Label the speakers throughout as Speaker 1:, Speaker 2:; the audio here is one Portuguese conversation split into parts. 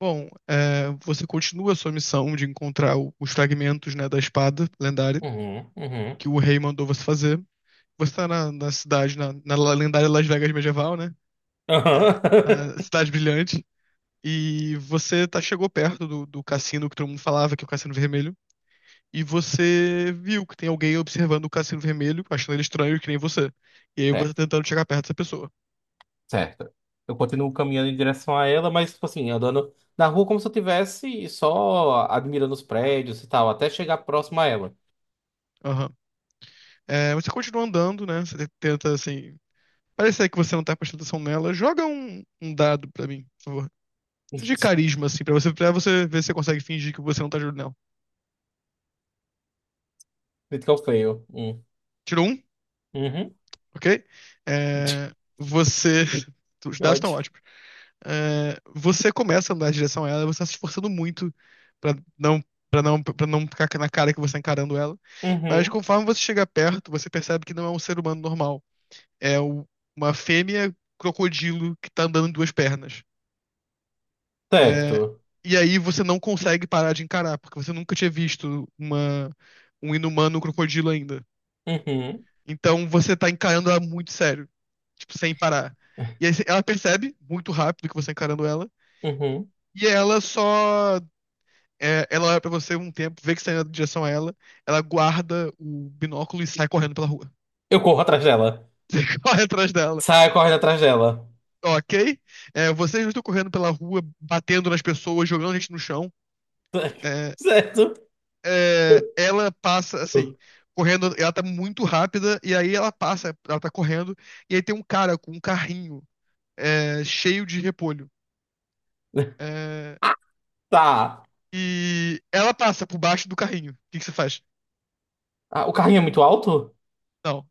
Speaker 1: Bom, você continua a sua missão de encontrar os fragmentos, né, da espada lendária
Speaker 2: Uhum, uhum.
Speaker 1: que o rei mandou você fazer. Você está na, na cidade, na, na lendária Las Vegas medieval, né? É,
Speaker 2: Aham.
Speaker 1: a cidade brilhante. E você tá, chegou perto do, do cassino que todo mundo falava, que é o Cassino Vermelho. E você viu que tem alguém observando o Cassino Vermelho, achando ele estranho, que nem você. E aí
Speaker 2: É,
Speaker 1: você tá tentando chegar perto dessa pessoa.
Speaker 2: certo. Eu continuo caminhando em direção a ela, mas, tipo assim, andando na rua como se eu tivesse só admirando os prédios e tal, até chegar próximo a ela.
Speaker 1: Aham. É, você continua andando, né? Você tenta, assim, parece aí que você não tá prestando atenção nela. Joga um dado pra mim, por favor. De carisma, assim, pra você ver se você consegue fingir que você não tá ajudando nela.
Speaker 2: Critical fail. Hum.
Speaker 1: Tirou um,
Speaker 2: Uhum.
Speaker 1: ok? É, você. Os
Speaker 2: Que
Speaker 1: dados estão
Speaker 2: ódio.
Speaker 1: ótimos. É, você começa a andar em direção a ela, você tá se esforçando muito pra não, pra não ficar na cara que você tá encarando ela. Mas
Speaker 2: Uhum.
Speaker 1: conforme você chega perto, você percebe que não é um ser humano normal. É o- uma fêmea crocodilo que tá andando em duas pernas. É,
Speaker 2: Certo.
Speaker 1: e aí você não consegue parar de encarar, porque você nunca tinha visto um inumano crocodilo ainda.
Speaker 2: Uhum.
Speaker 1: Então você tá encarando ela muito sério, tipo, sem parar. E aí ela percebe muito rápido que você tá encarando ela,
Speaker 2: Uhum.
Speaker 1: e ela só. É, ela olha pra você um tempo, vê que você tá indo em direção a ela, ela guarda o binóculo e sai correndo pela rua.
Speaker 2: Eu corro atrás dela.
Speaker 1: Você corre atrás dela.
Speaker 2: Saio correndo atrás dela.
Speaker 1: Ok? É, vocês não estão correndo pela rua, batendo nas pessoas, jogando gente no chão. É,
Speaker 2: Certo.
Speaker 1: é, ela passa assim, correndo, ela tá muito rápida, e aí ela passa, ela tá correndo, e aí tem um cara com um carrinho cheio de repolho. É,
Speaker 2: Ah, tá.
Speaker 1: e ela passa por baixo do carrinho. O que que você faz?
Speaker 2: Ah, o carrinho é muito alto?
Speaker 1: Não. O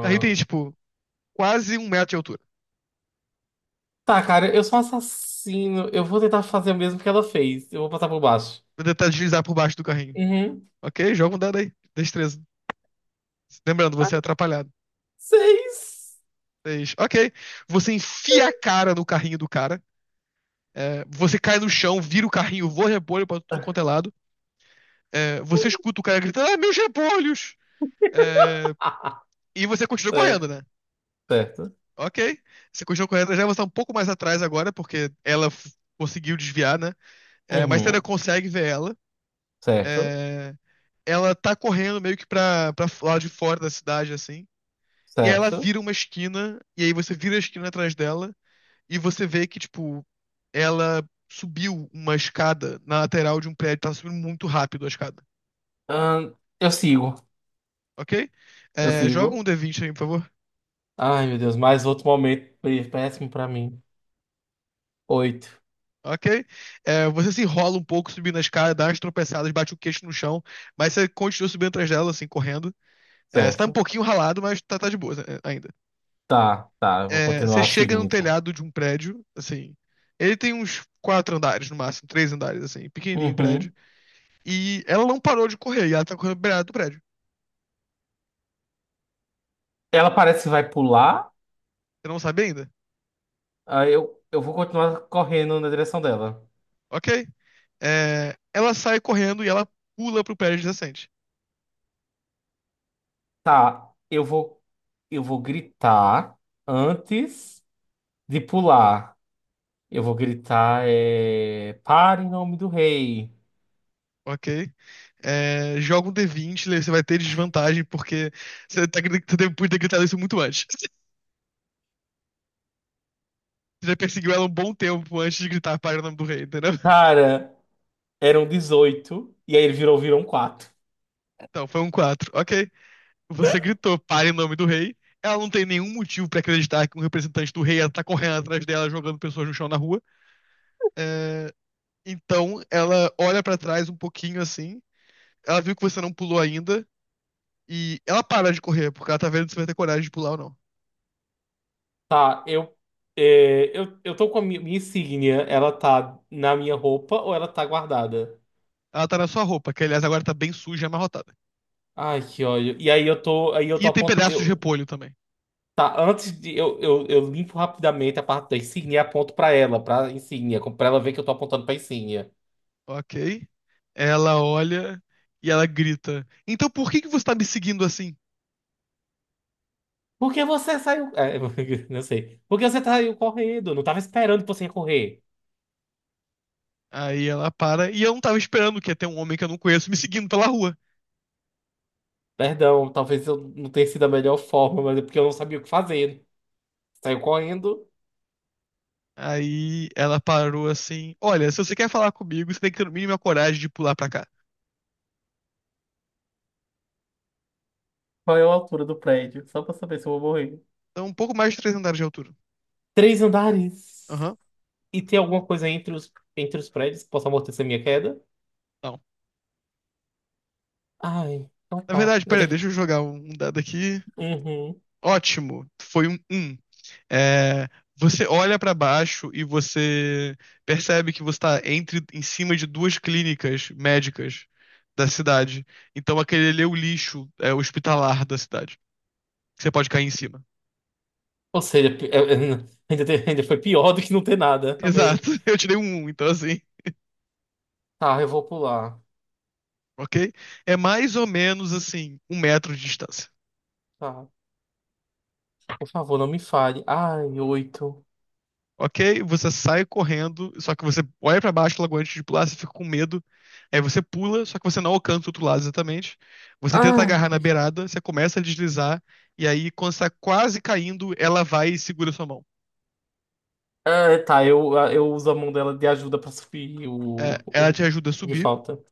Speaker 1: carrinho tem, tipo, quase um metro de altura.
Speaker 2: Tá, cara, eu sou um assassino. Eu vou tentar fazer o mesmo que ela fez. Eu vou passar por baixo.
Speaker 1: Vou tentar deslizar por baixo do carrinho.
Speaker 2: Uhum.
Speaker 1: Ok? Joga um dado aí. Destreza. Lembrando, você é atrapalhado.
Speaker 2: Seis.
Speaker 1: Seis. Ok. Você enfia a cara no carrinho do cara. É, você cai no chão, vira o carrinho, voa repolho pra tudo quanto é lado. É, você escuta o cara gritando, ah, meus repolhos! É, e você continua correndo,
Speaker 2: É,
Speaker 1: né?
Speaker 2: certo.
Speaker 1: Ok. Você continua correndo, já está um pouco mais atrás agora, porque conseguiu desviar, né? É, mas você ainda
Speaker 2: Uhum.
Speaker 1: consegue ver ela.
Speaker 2: Certo.
Speaker 1: É, ela tá correndo meio que pra, pra lá de fora da cidade, assim. E aí ela
Speaker 2: Certo.
Speaker 1: vira uma esquina, e aí você vira a esquina atrás dela, e você vê que, tipo, ela subiu uma escada na lateral de um prédio, tá subindo muito rápido a escada.
Speaker 2: Ahn, eu sigo.
Speaker 1: Ok?
Speaker 2: Eu
Speaker 1: É, joga um
Speaker 2: sigo.
Speaker 1: D20 aí, por favor.
Speaker 2: Ai, meu Deus, mais outro momento péssimo pra mim. Oito.
Speaker 1: Ok? É, você se enrola um pouco subindo a escada, dá umas tropeçadas, bate o queixo no chão, mas você continua subindo atrás dela, assim, correndo. É, você tá um
Speaker 2: Certo.
Speaker 1: pouquinho ralado, mas tá, tá de boa é, ainda.
Speaker 2: Tá, tá. Eu vou
Speaker 1: É, você
Speaker 2: continuar
Speaker 1: chega
Speaker 2: seguindo
Speaker 1: no
Speaker 2: então.
Speaker 1: telhado de um prédio, assim. Ele tem uns quatro andares no máximo, três andares, assim, pequenininho o prédio.
Speaker 2: Uhum.
Speaker 1: E ela não parou de correr, e ela tá correndo beirada do prédio.
Speaker 2: Ela parece que vai pular.
Speaker 1: Você não sabe ainda?
Speaker 2: Aí eu vou continuar correndo na direção dela.
Speaker 1: Ok? É, ela sai correndo e ela pula pro prédio adjacente.
Speaker 2: Tá, eu vou gritar antes de pular. Eu vou gritar. Para em nome do rei.
Speaker 1: Ok? É, joga um D20, você vai ter desvantagem, porque você depois de ter gritado isso muito antes. Você já perseguiu ela um bom tempo antes de gritar pare o nome do rei, entendeu?
Speaker 2: Cara, eram 18 e aí ele virou, viram quatro.
Speaker 1: Então, foi um 4, ok. Você gritou pare o nome do rei. Ela não tem nenhum motivo pra acreditar que um representante do rei ela tá correndo atrás dela, jogando pessoas no chão na rua. É, então, ela olha pra trás um pouquinho assim. Ela viu que você não pulou ainda. E ela para de correr, porque ela tá vendo se vai ter coragem de pular ou não.
Speaker 2: Tá, eu tô com a minha insígnia, ela tá na minha roupa ou ela tá guardada?
Speaker 1: Ela tá na sua roupa, que aliás agora tá bem suja e amarrotada.
Speaker 2: Ai, que ódio. E aí eu tô, aí eu
Speaker 1: E
Speaker 2: tô
Speaker 1: tem pedaços de
Speaker 2: apontando...
Speaker 1: repolho também.
Speaker 2: Tá, antes de... Eu limpo rapidamente a parte da insígnia e aponto pra ela, pra insígnia, como pra ela ver que eu tô apontando pra insígnia.
Speaker 1: Ok. Ela olha e ela grita: então por que que você tá me seguindo assim?
Speaker 2: Porque você saiu. É, não sei. Porque você saiu correndo? Não tava esperando que você ia correr.
Speaker 1: Aí ela para e eu não tava esperando que ia ter um homem que eu não conheço me seguindo pela rua.
Speaker 2: Perdão, talvez eu não tenha sido a melhor forma, mas é porque eu não sabia o que fazer. Saiu correndo.
Speaker 1: Aí ela parou assim: olha, se você quer falar comigo, você tem que ter no mínimo a coragem de pular pra cá.
Speaker 2: Qual é a altura do prédio? Só pra saber se eu vou morrer.
Speaker 1: Então um pouco mais de 3 andares de altura.
Speaker 2: 3 andares.
Speaker 1: Aham.
Speaker 2: E tem alguma coisa entre os prédios que possa amortecer minha queda?
Speaker 1: Não.
Speaker 2: Ai, então
Speaker 1: Na
Speaker 2: tá.
Speaker 1: verdade,
Speaker 2: Eu
Speaker 1: peraí,
Speaker 2: tenho que.
Speaker 1: deixa eu jogar um dado aqui.
Speaker 2: Uhum.
Speaker 1: Ótimo, foi um 1. É, você olha pra baixo e você percebe que você tá entre, em cima de duas clínicas médicas da cidade. Então aquele ali é o lixo hospitalar da cidade. Você pode cair em cima.
Speaker 2: Ou seja, ainda, ainda foi pior do que não ter nada. Amei.
Speaker 1: Exato, eu tirei um 1, então assim,
Speaker 2: Tá, eu vou pular.
Speaker 1: ok? É mais ou menos assim, um metro de distância.
Speaker 2: Tá. Por favor, não me fale. Ai, oito.
Speaker 1: Ok, você sai correndo, só que você olha pra baixo logo antes de pular, você fica com medo. Aí você pula, só que você não alcança o outro lado exatamente. Você tenta agarrar na
Speaker 2: Ai.
Speaker 1: beirada, você começa a deslizar, e aí quando você tá quase caindo, ela vai e segura sua mão.
Speaker 2: Ah, tá, eu uso a mão dela de ajuda pra subir
Speaker 1: É,
Speaker 2: o,
Speaker 1: ela
Speaker 2: o, o
Speaker 1: te ajuda a
Speaker 2: que
Speaker 1: subir,
Speaker 2: falta.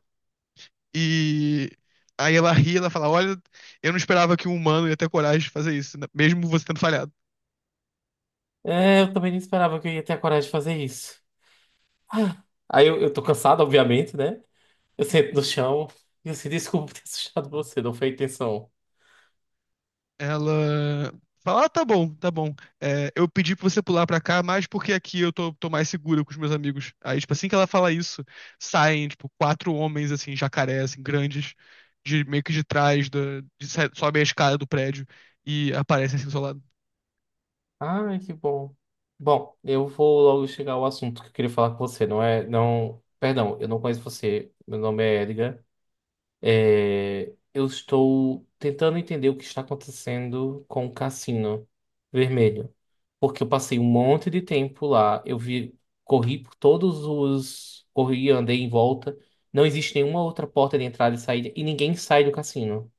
Speaker 1: e aí ela ri, ela fala: olha, eu não esperava que um humano ia ter coragem de fazer isso, né, mesmo você tendo falhado.
Speaker 2: É, eu também não esperava que eu ia ter a coragem de fazer isso. Ah, aí eu tô cansado, obviamente, né? Eu sento no chão e eu assim, desculpa ter assustado você, não foi a intenção.
Speaker 1: Ela fala: ah, tá bom, tá bom. É, eu pedi pra você pular pra cá, mas porque aqui eu tô, tô mais segura com os meus amigos. Aí, tipo, assim que ela fala isso, saem, tipo, quatro homens, assim, jacaré, assim, grandes, de, meio que de trás, da, sobem a escada do prédio e aparecem assim do seu lado.
Speaker 2: Ai, que bom. Bom, eu vou logo chegar ao assunto que eu queria falar com você, não é? Não. Perdão, eu não conheço você. Meu nome é Edgar. É, eu estou tentando entender o que está acontecendo com o cassino vermelho. Porque eu passei um monte de tempo lá, eu vi, corri por todos os. Corri, andei em volta. Não existe nenhuma outra porta de entrada e saída, e ninguém sai do cassino.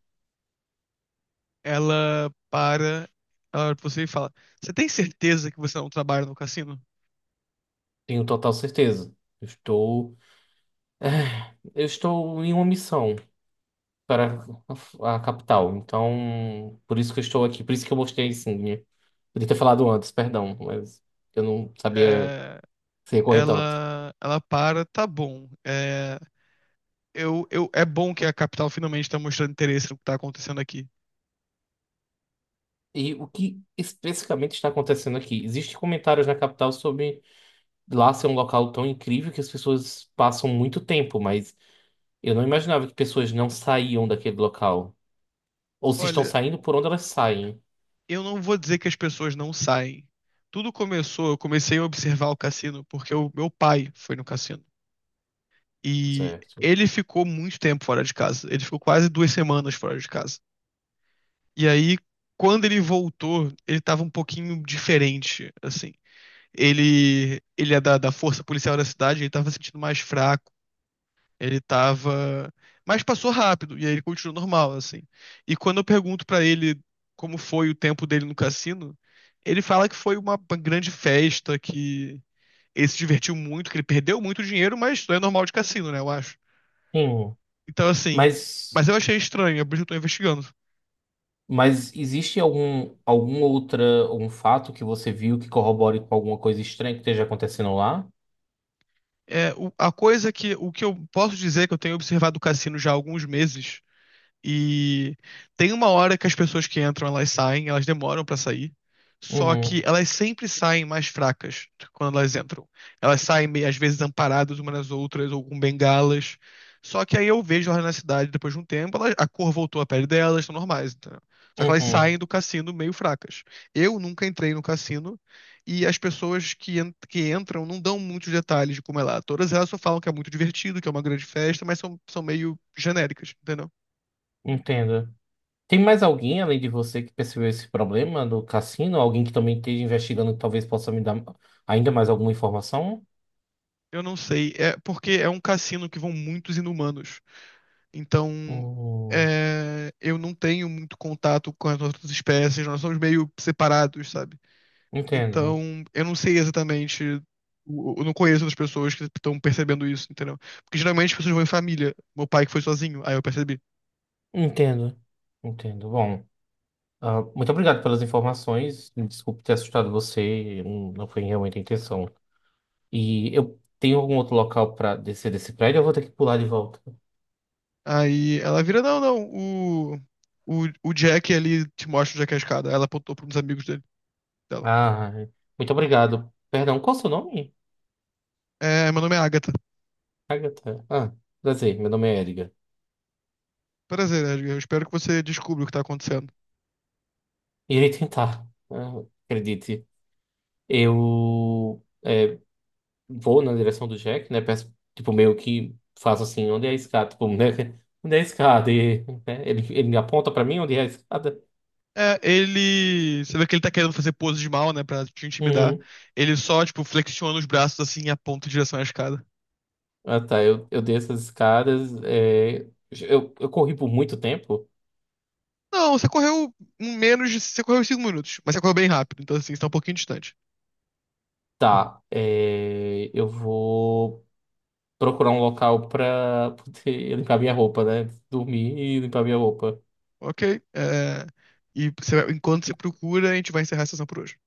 Speaker 1: Ela para, ela olha pra você e fala: você tem certeza que você não trabalha no cassino?
Speaker 2: Tenho total certeza. Eu estou, eu estou em uma missão para a capital. Então, por isso que eu estou aqui, por isso que eu mostrei a insígnia. Podia ter falado antes, perdão, mas eu não sabia
Speaker 1: É,
Speaker 2: sem recorrer tanto.
Speaker 1: ela para, tá bom. Eu, é bom que a capital finalmente está mostrando interesse no que está acontecendo aqui.
Speaker 2: E o que especificamente está acontecendo aqui? Existem comentários na capital sobre lá ser um local tão incrível que as pessoas passam muito tempo, mas eu não imaginava que pessoas não saíam daquele local. Ou se estão
Speaker 1: Olha,
Speaker 2: saindo, por onde elas saem.
Speaker 1: eu não vou dizer que as pessoas não saem. Tudo começou, eu comecei a observar o cassino porque o meu pai foi no cassino. E
Speaker 2: Certo.
Speaker 1: ele ficou muito tempo fora de casa. Ele ficou quase duas semanas fora de casa. E aí, quando ele voltou, ele estava um pouquinho diferente, assim. Ele é da, da força policial da cidade, ele estava se sentindo mais fraco. Ele tava. Mas passou rápido, e aí ele continuou normal, assim. E quando eu pergunto pra ele como foi o tempo dele no cassino, ele fala que foi uma grande festa, que ele se divertiu muito, que ele perdeu muito dinheiro, mas isso é normal de cassino, né, eu acho.
Speaker 2: Sim.
Speaker 1: Então, assim.
Speaker 2: Mas,
Speaker 1: Mas eu achei estranho, é por isso que eu tô investigando.
Speaker 2: mas existe algum fato que você viu que corrobore com alguma coisa estranha que esteja acontecendo lá?
Speaker 1: É, o- a coisa que. O que eu posso dizer que eu tenho observado o cassino já há alguns meses. E tem uma hora que as pessoas que entram, elas saem, elas demoram pra sair. Só que
Speaker 2: Uhum,
Speaker 1: elas sempre saem mais fracas quando elas entram. Elas saem, meio- às vezes, amparadas umas nas outras, ou com bengalas. Só que aí eu vejo elas na cidade depois de um tempo, elas- a cor voltou à pele delas, estão normais, entendeu? Só que elas saem
Speaker 2: uhum,
Speaker 1: do cassino meio fracas. Eu nunca entrei no cassino e as pessoas que, que entram não dão muitos detalhes de como é lá. Todas elas só falam que é muito divertido, que é uma grande festa, mas são, são meio genéricas, entendeu?
Speaker 2: entendo. Tem mais alguém além de você que percebeu esse problema do cassino? Alguém que também esteja investigando que talvez possa me dar ainda mais alguma informação?
Speaker 1: Eu não sei. É porque é um cassino que vão muitos inumanos. Então,
Speaker 2: Hum,
Speaker 1: eu não tenho muito contato com as outras espécies. Nós somos meio separados, sabe?
Speaker 2: entendo,
Speaker 1: Então, eu não sei exatamente. Eu não conheço as pessoas que estão percebendo isso, entendeu? Porque geralmente as pessoas vão em família. Meu pai que foi sozinho, aí eu percebi.
Speaker 2: entendo, entendo. Bom, ah, muito obrigado pelas informações. Me desculpe ter assustado você, não foi realmente a intenção. E eu tenho algum outro local para descer desse prédio? Eu vou ter que pular de volta.
Speaker 1: Aí ela vira, não, não, o Jack ali te mostra o Jack a escada. Ela apontou para uns amigos dele, dela.
Speaker 2: Ah, muito obrigado. Perdão, qual o seu nome?
Speaker 1: É, meu nome é Agatha.
Speaker 2: Agatha. Ah, prazer, meu nome é Edgar.
Speaker 1: Prazer, Edgar. Eu espero que você descubra o que tá acontecendo.
Speaker 2: Irei tentar, ah, acredite. Eu vou na direção do Jack, né? Peço, tipo, meio que faço assim, onde é a escada? Tipo, né? Onde é a escada? E, né, Ele me aponta pra mim onde é a escada.
Speaker 1: É, ele. Você vê que ele tá querendo fazer pose de mal, né? Pra te intimidar.
Speaker 2: Uhum.
Speaker 1: Ele só, tipo, flexiona os braços assim e aponta em direção à escada.
Speaker 2: Ah, tá. Eu desço as escadas. É, eu corri por muito tempo.
Speaker 1: Não, você correu em menos de. Você correu em cinco minutos, mas você correu bem rápido, então assim, você tá um pouquinho distante.
Speaker 2: Tá. É, eu vou procurar um local pra poder limpar minha roupa, né? Dormir e limpar minha roupa.
Speaker 1: Ok. é, E você- enquanto você procura, a gente vai encerrar a sessão por hoje.